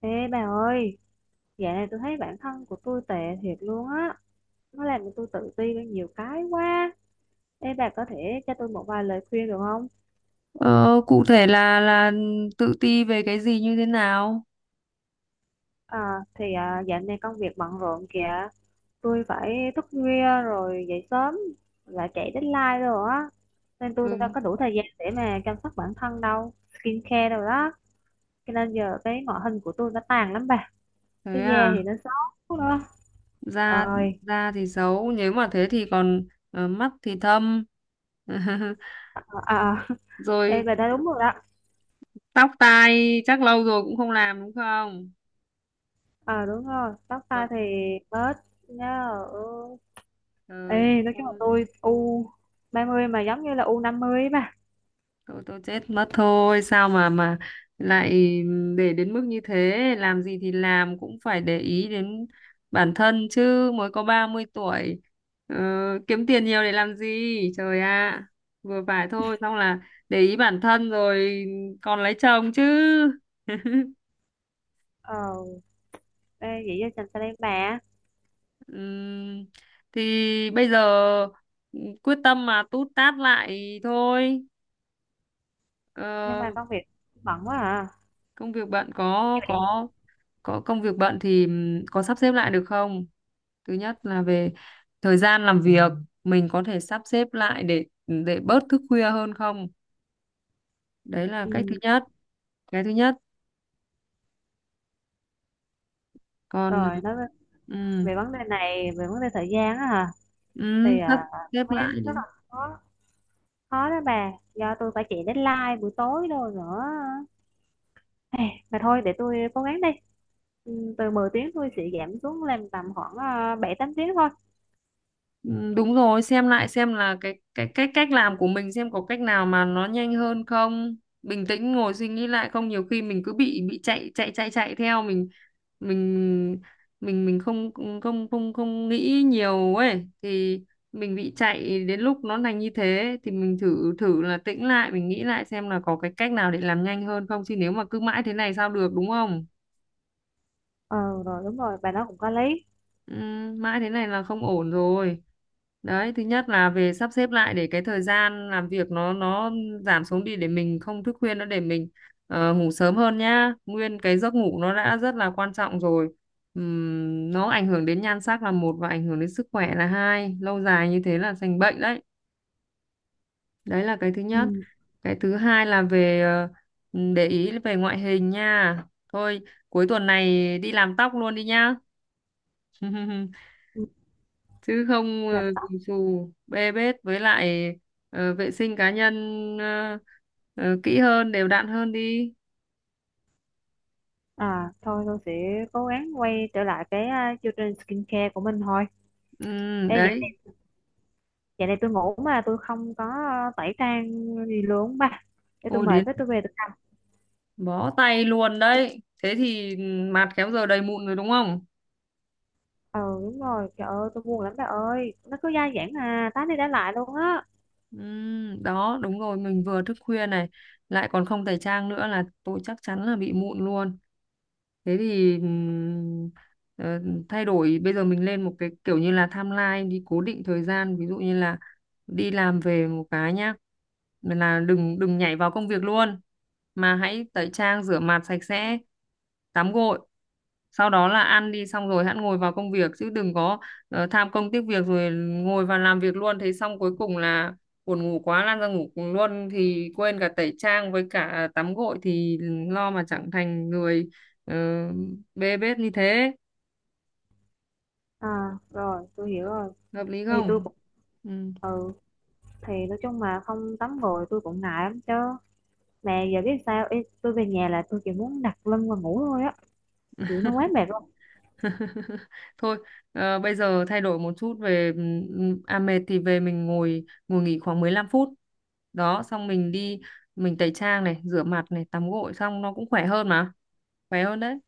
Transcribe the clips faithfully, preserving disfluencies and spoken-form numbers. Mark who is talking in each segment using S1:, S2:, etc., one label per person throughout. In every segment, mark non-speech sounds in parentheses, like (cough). S1: Ê bà ơi, dạo này tôi thấy bản thân của tôi tệ thiệt luôn á. Nó làm cho tôi tự ti với nhiều cái quá. Ê bà có thể cho tôi một vài lời khuyên được không?
S2: Ờ, Cụ thể là là tự ti về cái gì như thế nào?
S1: À, thì à, dạo này công việc bận rộn kìa. Tôi phải thức khuya rồi dậy sớm và chạy deadline rồi á. Nên tôi
S2: Ừ,
S1: đâu có đủ thời gian để mà chăm sóc bản thân đâu. Skincare đâu đó. Cho nên giờ cái ngoại hình của tôi nó tàn lắm bà.
S2: thế
S1: Cái da
S2: à,
S1: thì nó xấu nữa.
S2: da
S1: Ơi,
S2: da thì xấu, nếu mà thế thì còn ờ, mắt thì thâm. (laughs)
S1: à, à, à. (laughs) Ê
S2: Rồi
S1: bà nói đúng rồi đó.
S2: tóc tai chắc lâu rồi cũng không làm, đúng không?
S1: Ờ đúng rồi, tóc tai
S2: Vâng,
S1: thì bớt nhớ.
S2: trời
S1: Ê, nói chung là
S2: ơi.
S1: tôi u ba mươi mà giống như là u năm mươi ấy bà.
S2: Tôi tôi chết mất thôi, sao mà mà lại để đến mức như thế, làm gì thì làm cũng phải để ý đến bản thân chứ, mới có ba mươi tuổi. Ờ, Kiếm tiền nhiều để làm gì? Trời ạ, vừa phải thôi, xong là để ý bản thân rồi còn lấy chồng chứ. (laughs)
S1: Ờ, ê, vậy cho chành xe lên bà.
S2: Ừm, thì bây giờ ừ, quyết tâm mà tút tát lại thôi.
S1: Nhưng
S2: Ờ,
S1: mà công việc bận quá à.
S2: Công việc bạn có
S1: Vậy.
S2: có có công việc bận thì ừm, có sắp xếp lại được không? Thứ nhất là về thời gian làm việc, mình có thể sắp xếp lại để để bớt thức khuya hơn không? Đấy là cách thứ
S1: Ừ.
S2: nhất, cái thứ nhất. Còn
S1: Rồi, nói về,
S2: ừm,
S1: về vấn đề này, về vấn đề thời gian á hả?
S2: ừm,
S1: Thì
S2: sắp
S1: à,
S2: xếp
S1: tôi thấy
S2: lại
S1: rất là
S2: đi.
S1: khó, khó đó bà. Do tôi phải chạy deadline buổi tối rồi nữa. Ê, mà thôi, để tôi cố gắng đi. Ừ, từ mười tiếng tôi sẽ giảm xuống làm tầm khoảng uh, bảy tám tiếng thôi.
S2: Ừ, đúng rồi, xem lại xem là cái cái cách cách làm của mình, xem có cách nào mà nó nhanh hơn không. Bình tĩnh ngồi suy nghĩ lại, không nhiều khi mình cứ bị bị chạy chạy chạy chạy theo, mình mình mình mình không không không không nghĩ nhiều ấy, thì mình bị chạy đến lúc nó thành như thế, thì mình thử thử là tĩnh lại, mình nghĩ lại xem là có cái cách nào để làm nhanh hơn không, chứ nếu mà cứ mãi thế này sao được, đúng không?
S1: Ờ rồi đúng rồi và nó cũng có lấy.
S2: Ừ, mãi thế này là không ổn rồi. Đấy, thứ nhất là về sắp xếp lại để cái thời gian làm việc nó nó giảm xuống đi, để mình không thức khuya nữa, để mình ờ, ngủ sớm hơn nhá. Nguyên cái giấc ngủ nó đã rất là quan trọng rồi. Ừm, nó ảnh hưởng đến nhan sắc là một, và ảnh hưởng đến sức khỏe là hai. Lâu dài như thế là thành bệnh đấy. Đấy là cái thứ nhất.
S1: Ừ,
S2: Cái thứ hai là về ờ, để ý về ngoại hình nha. Thôi, cuối tuần này đi làm tóc luôn đi nhá. (laughs)
S1: ừ,
S2: Chứ không,
S1: làm
S2: ờ,
S1: tóc.
S2: bù xù bê bết, với lại ờ, vệ sinh cá nhân ờ, ờ, kỹ hơn, đều đặn hơn đi.
S1: À thôi tôi sẽ cố gắng quay trở lại cái à, chương trình skincare của mình thôi.
S2: ừ,
S1: Ê, vậy
S2: Đấy,
S1: vậy này tôi ngủ mà tôi không có à, tẩy trang gì luôn ba để tôi
S2: ôi
S1: mời
S2: đến
S1: với tôi về được không?
S2: bó tay luôn đấy, thế thì mặt khéo giờ đầy mụn rồi đúng không?
S1: Ờ đúng rồi trời ơi tôi buồn lắm ba ơi nó cứ dai dẳng à tá đi tá lại luôn á.
S2: Ừ, đó đúng rồi, mình vừa thức khuya này lại còn không tẩy trang nữa, là tôi chắc chắn là bị mụn luôn. Thế thì ừm, ờ, thay đổi, bây giờ mình lên một cái kiểu như là timeline đi, cố định thời gian. Ví dụ như là đi làm về một cái nhá. Mà là đừng đừng nhảy vào công việc luôn, mà hãy tẩy trang rửa mặt sạch sẽ, tắm gội, sau đó là ăn đi, xong rồi hẵng ngồi vào công việc, chứ đừng có ờ, tham công tiếc việc rồi ngồi vào làm việc luôn, thế xong cuối cùng là buồn ngủ quá lăn ra ngủ luôn, thì quên cả tẩy trang với cả tắm gội, thì lo mà chẳng thành người. Ờ, Bê bết như thế,
S1: À rồi tôi hiểu rồi
S2: hợp lý
S1: thì tôi
S2: không?
S1: cũng
S2: Ừ.
S1: ừ. Thì nói chung mà không tắm gội tôi cũng ngại lắm chứ mà giờ biết sao. Ê, tôi về nhà là tôi chỉ muốn đặt lưng và ngủ thôi á, kiểu nó quá mệt luôn.
S2: (laughs) Thôi, ờ, bây giờ thay đổi một chút về ừm, à mệt thì về mình ngồi ngồi nghỉ khoảng mười lăm phút đó, xong mình đi, mình tẩy trang này, rửa mặt này, tắm gội xong nó cũng khỏe hơn mà, khỏe hơn đấy,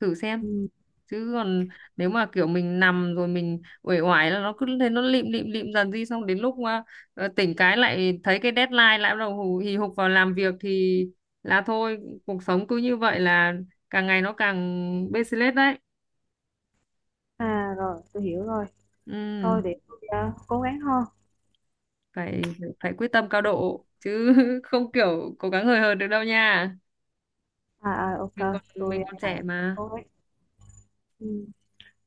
S2: thử xem.
S1: Ừ.
S2: Chứ còn nếu mà kiểu mình nằm rồi mình uể oải là nó cứ thế nó lịm lịm lịm dần đi, xong đến lúc mà ờ, tỉnh cái lại thấy cái deadline lại bắt đầu hù- hì hục vào làm việc thì là thôi, cuộc sống cứ như vậy là càng ngày nó càng bê xí lết đấy.
S1: À rồi, tôi hiểu rồi.
S2: Ừ,
S1: Thôi để tôi à, cố gắng hơn.
S2: phải phải quyết tâm cao độ chứ (laughs) không kiểu cố gắng hời hợt được đâu nha,
S1: À, à ok,
S2: mình còn mình
S1: tôi
S2: còn
S1: phải
S2: trẻ mà.
S1: cố gắng. Ừ.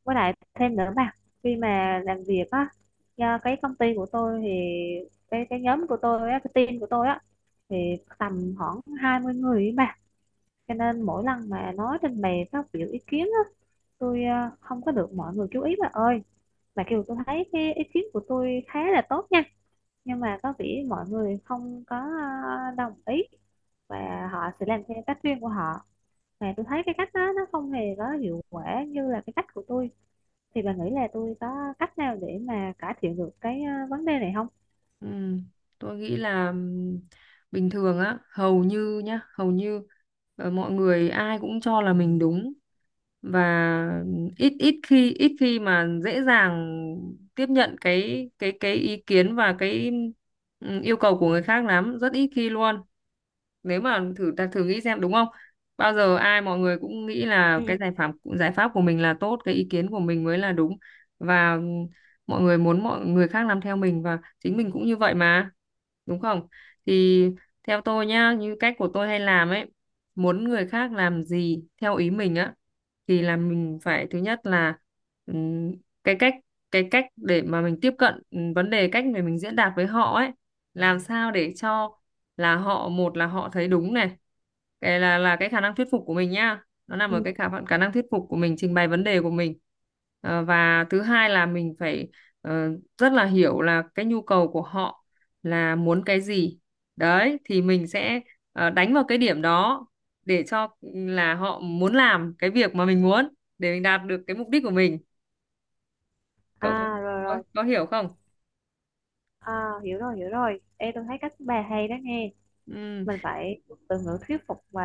S1: Với lại thêm nữa mà khi mà làm việc á, do cái công ty của tôi thì cái cái nhóm của tôi á, cái team của tôi á thì tầm khoảng hai mươi người ấy mà. Cho nên mỗi lần mà nói trình bày phát biểu ý kiến á, tôi à, không có được mọi người chú ý bà ơi. Mà kiểu tôi thấy cái ý kiến của tôi khá là tốt nha nhưng mà có vẻ mọi người không có ờ, đồng ý và họ sẽ làm theo cách riêng của họ mà tôi thấy cái cách đó nó không hề có hiệu quả như là cái cách của tôi thì bà nghĩ là tôi có cách nào để mà cải thiện được cái ờ, vấn đề này không?
S2: Ừ, tôi nghĩ là ừm, bình thường á, hầu như nhá, hầu như ờ, mọi người ai cũng cho là mình đúng, và ít ít khi ít khi mà dễ dàng tiếp nhận cái cái cái ý kiến và cái ừm, yêu cầu của người khác lắm, rất ít khi luôn. Nếu mà thử ta thử nghĩ xem đúng không, bao giờ ai mọi người cũng nghĩ là
S1: Ừ,
S2: cái giải pháp giải pháp của mình là tốt, cái ý kiến của mình mới là đúng, và ừ, mọi người muốn mọi người khác làm theo mình, và chính mình cũng như vậy mà, đúng không? Thì theo tôi nhá, như cách của tôi hay làm ấy, muốn người khác làm gì theo ý mình á, thì là mình phải thứ nhất là ừm, cái cách, cái cách để mà mình tiếp cận ừm, vấn đề, cách để mình diễn đạt với họ ấy, làm sao để cho là họ, một là họ thấy đúng này, cái là là cái khả năng thuyết phục của mình nhá, nó nằm ở
S1: ừ.
S2: cái khả khả năng thuyết phục của mình, trình bày vấn đề của mình. Ờ, và thứ hai là mình phải ờ, rất là hiểu là cái nhu cầu của họ là muốn cái gì, đấy thì mình sẽ ờ, đánh vào cái điểm đó, để cho ừ, là họ muốn làm cái việc mà mình muốn, để mình đạt được cái mục đích của mình. Cậu
S1: À rồi
S2: có,
S1: rồi.
S2: có hiểu không?
S1: À, hiểu rồi hiểu rồi. Ê, tôi thấy cách bà hay đó nghe,
S2: Ừ,
S1: mình phải dùng từ ngữ thuyết phục và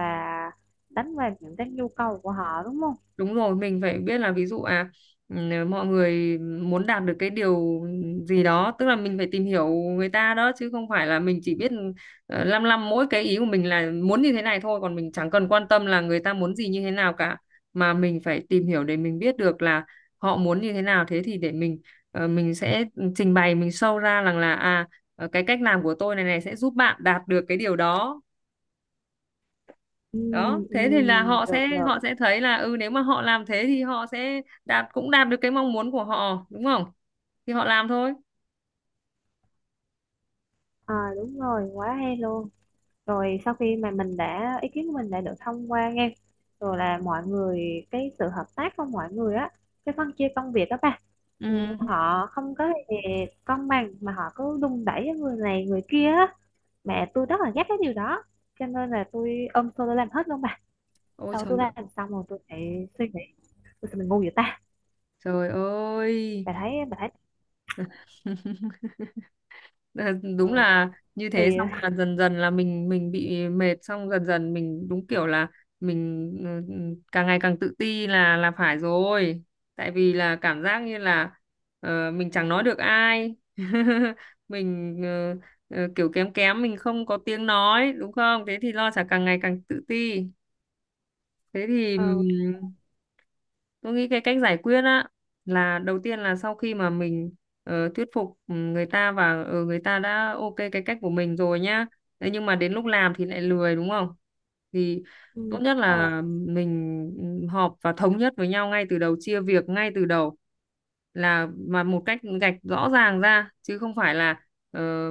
S1: đánh vào những cái nhu cầu của họ đúng không?
S2: đúng rồi, mình phải biết là ví dụ à, ừ, mọi người muốn đạt được cái điều gì đó, tức là mình phải tìm hiểu người ta đó, chứ không phải là mình chỉ biết ờ, lăm lăm mỗi cái ý của mình là muốn như thế này thôi, còn mình chẳng cần quan tâm là người ta muốn gì như thế nào cả, mà mình phải tìm hiểu để mình biết được là họ muốn như thế nào, thế thì để mình ờ, mình sẽ trình bày, mình show ra rằng là à, ờ, cái cách làm của tôi này này sẽ giúp bạn đạt được cái điều đó.
S1: Ừ,
S2: Đó
S1: ừ,
S2: thế thì là họ
S1: được
S2: sẽ
S1: được.
S2: họ sẽ thấy là ừ, nếu mà họ làm thế thì họ sẽ đạt cũng đạt được cái mong muốn của họ đúng không, thì họ làm thôi.
S1: À, đúng rồi quá hay luôn. Rồi sau khi mà mình đã ý kiến của mình đã được thông qua nghe rồi là mọi người cái sự hợp tác của mọi người á, cái phân chia công việc đó ba. Ừ,
S2: Ừ.
S1: họ không có gì công bằng mà họ cứ đùn đẩy với người này người kia á mà tôi rất là ghét cái điều đó cho nên là tôi ôm xô tôi làm hết luôn bà.
S2: Ôi
S1: Sau
S2: trời
S1: tôi làm
S2: ơi,
S1: xong rồi tôi lại suy nghĩ tôi sao mình ngu vậy ta.
S2: trời ơi.
S1: Bà thấy bà thấy.
S2: (laughs) Ờ, đúng
S1: Ừ,
S2: là như thế,
S1: thì
S2: xong là dần dần là mình mình bị mệt, xong dần dần mình đúng kiểu là mình ừ, ừ, càng ngày càng tự ti là là phải rồi, tại vì là cảm giác như là ờ, mình chẳng nói được ai (laughs) mình ờ, ờ, kiểu kém kém mình không có tiếng nói đúng không, thế thì lo sẽ càng ngày càng tự ti, thế thì
S1: ừ,
S2: tôi nghĩ cái cách giải quyết á là đầu tiên là sau khi mà mình ờ, thuyết phục ừ, người ta và ờ, người ta đã ok cái cách của mình rồi nhá. Thế nhưng mà đến lúc làm thì lại lười đúng không? Thì
S1: ừ,
S2: tốt
S1: đúng
S2: nhất
S1: rồi.
S2: là mình ừ, họp và thống nhất với nhau ngay từ đầu, chia việc ngay từ đầu là mà một cách gạch rõ ràng ra, chứ không phải là ờ,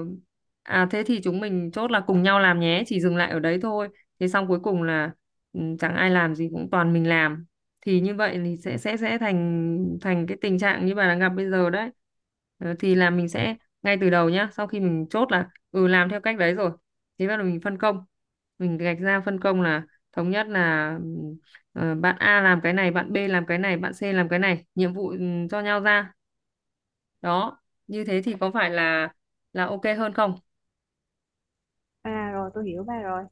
S2: à thế thì chúng mình chốt là cùng nhau làm nhé, chỉ dừng lại ở đấy thôi. Thế xong cuối cùng là ừ, chẳng ai làm gì, cũng toàn mình làm, thì như vậy thì sẽ sẽ sẽ thành thành cái tình trạng như bà đang gặp bây giờ đấy. Ờ, thì là mình sẽ ngay từ đầu nhá, sau khi mình chốt là ừ làm theo cách đấy rồi, thì bắt đầu mình phân công, mình gạch ra phân công, là thống nhất là ừm, ờ, bạn A làm cái này, bạn bê làm cái này, bạn xê làm cái này, nhiệm vụ ừm, cho nhau ra đó, như thế thì có phải là là ok hơn không?
S1: À rồi tôi hiểu ba rồi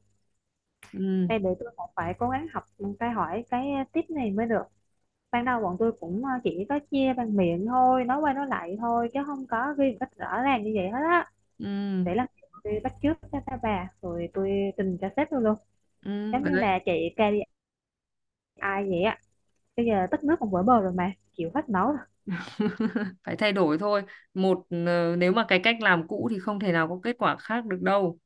S2: Ừ,
S1: đây. Để tôi còn phải cố gắng học cái hỏi cái tiếp này mới được. Ban đầu bọn tôi cũng ờ, chỉ có chia bằng miệng thôi nói qua nói lại thôi chứ không có ghi một cách rõ ràng như vậy hết á.
S2: ừ,
S1: Để là tôi bắt chước cho các bà rồi tôi trình cho sếp tôi luôn
S2: ừ.
S1: giống như là chị ca pê i vậy á. Bây giờ tất nước còn vỡ bờ rồi mà chịu hết nổi rồi.
S2: (laughs) Phải thay đổi thôi. Một ờ, nếu mà cái cách làm cũ thì không thể nào có kết quả khác được đâu.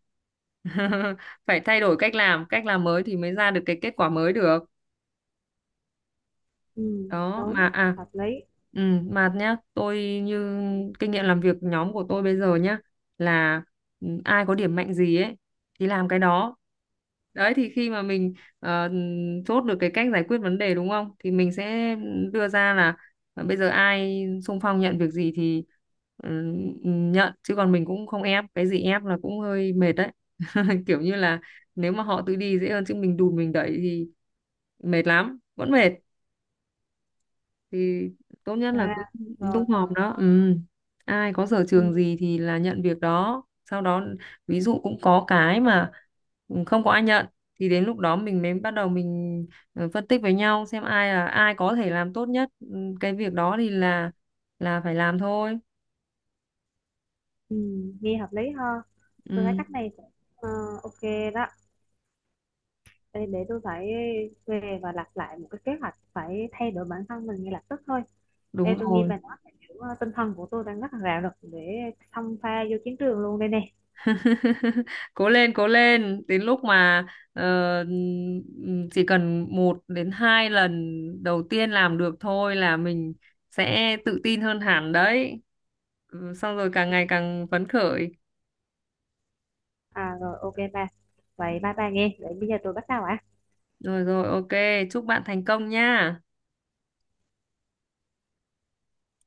S2: (laughs) Phải thay đổi cách làm cách làm mới thì mới ra được cái kết quả mới được.
S1: Ừ
S2: Đó mà
S1: đúng,
S2: à,
S1: hợp lý.
S2: ừ, mà nhá, tôi như kinh nghiệm làm việc nhóm của tôi bây giờ nhá, là ừ, ai có điểm mạnh gì ấy thì làm cái đó. Đấy thì khi mà mình ờ, chốt được cái cách giải quyết vấn đề, đúng không, thì mình sẽ đưa ra là ờ, bây giờ ai xung phong nhận việc gì thì ừ, ừ, nhận, chứ còn mình cũng không ép, cái gì ép là cũng hơi mệt đấy. (laughs) Kiểu như là nếu mà họ tự đi dễ hơn, chứ mình đùn mình đẩy thì mệt lắm, vẫn mệt. Thì tốt nhất là
S1: À
S2: cứ
S1: rồi.
S2: tung hòm đó. Ừ. Ai có sở
S1: Ừ,
S2: trường gì thì là nhận việc đó, sau đó ví dụ cũng có cái mà ừ, không có ai nhận, thì đến lúc đó mình mới bắt đầu mình ờ, phân tích với nhau xem ai là ai có thể làm tốt nhất. Ừ, cái việc đó thì là là phải làm thôi.
S1: ừ, nghe hợp lý ha. Tôi thấy
S2: Ừ,
S1: cách này cũng, ờ, ok đó. Để, để tôi phải về và lập lại một cái kế hoạch phải thay đổi bản thân mình ngay lập tức thôi. Ê,
S2: đúng
S1: tôi nghe
S2: rồi.
S1: bà nói là kiểu ờ, tinh thần của tôi đang rất là rạo lực để xông pha vô chiến trường luôn đây nè.
S2: (laughs) Cố lên, cố lên, đến lúc mà ờ, ừm, chỉ cần một đến hai lần đầu tiên làm được thôi là mình sẽ tự tin hơn hẳn đấy. Ừ, xong rồi càng ngày càng phấn khởi.
S1: À rồi ok bà. Vậy bye bye nghe. Vậy bây giờ tôi bắt đầu ạ.
S2: Rồi rồi, ok, chúc bạn thành công nha.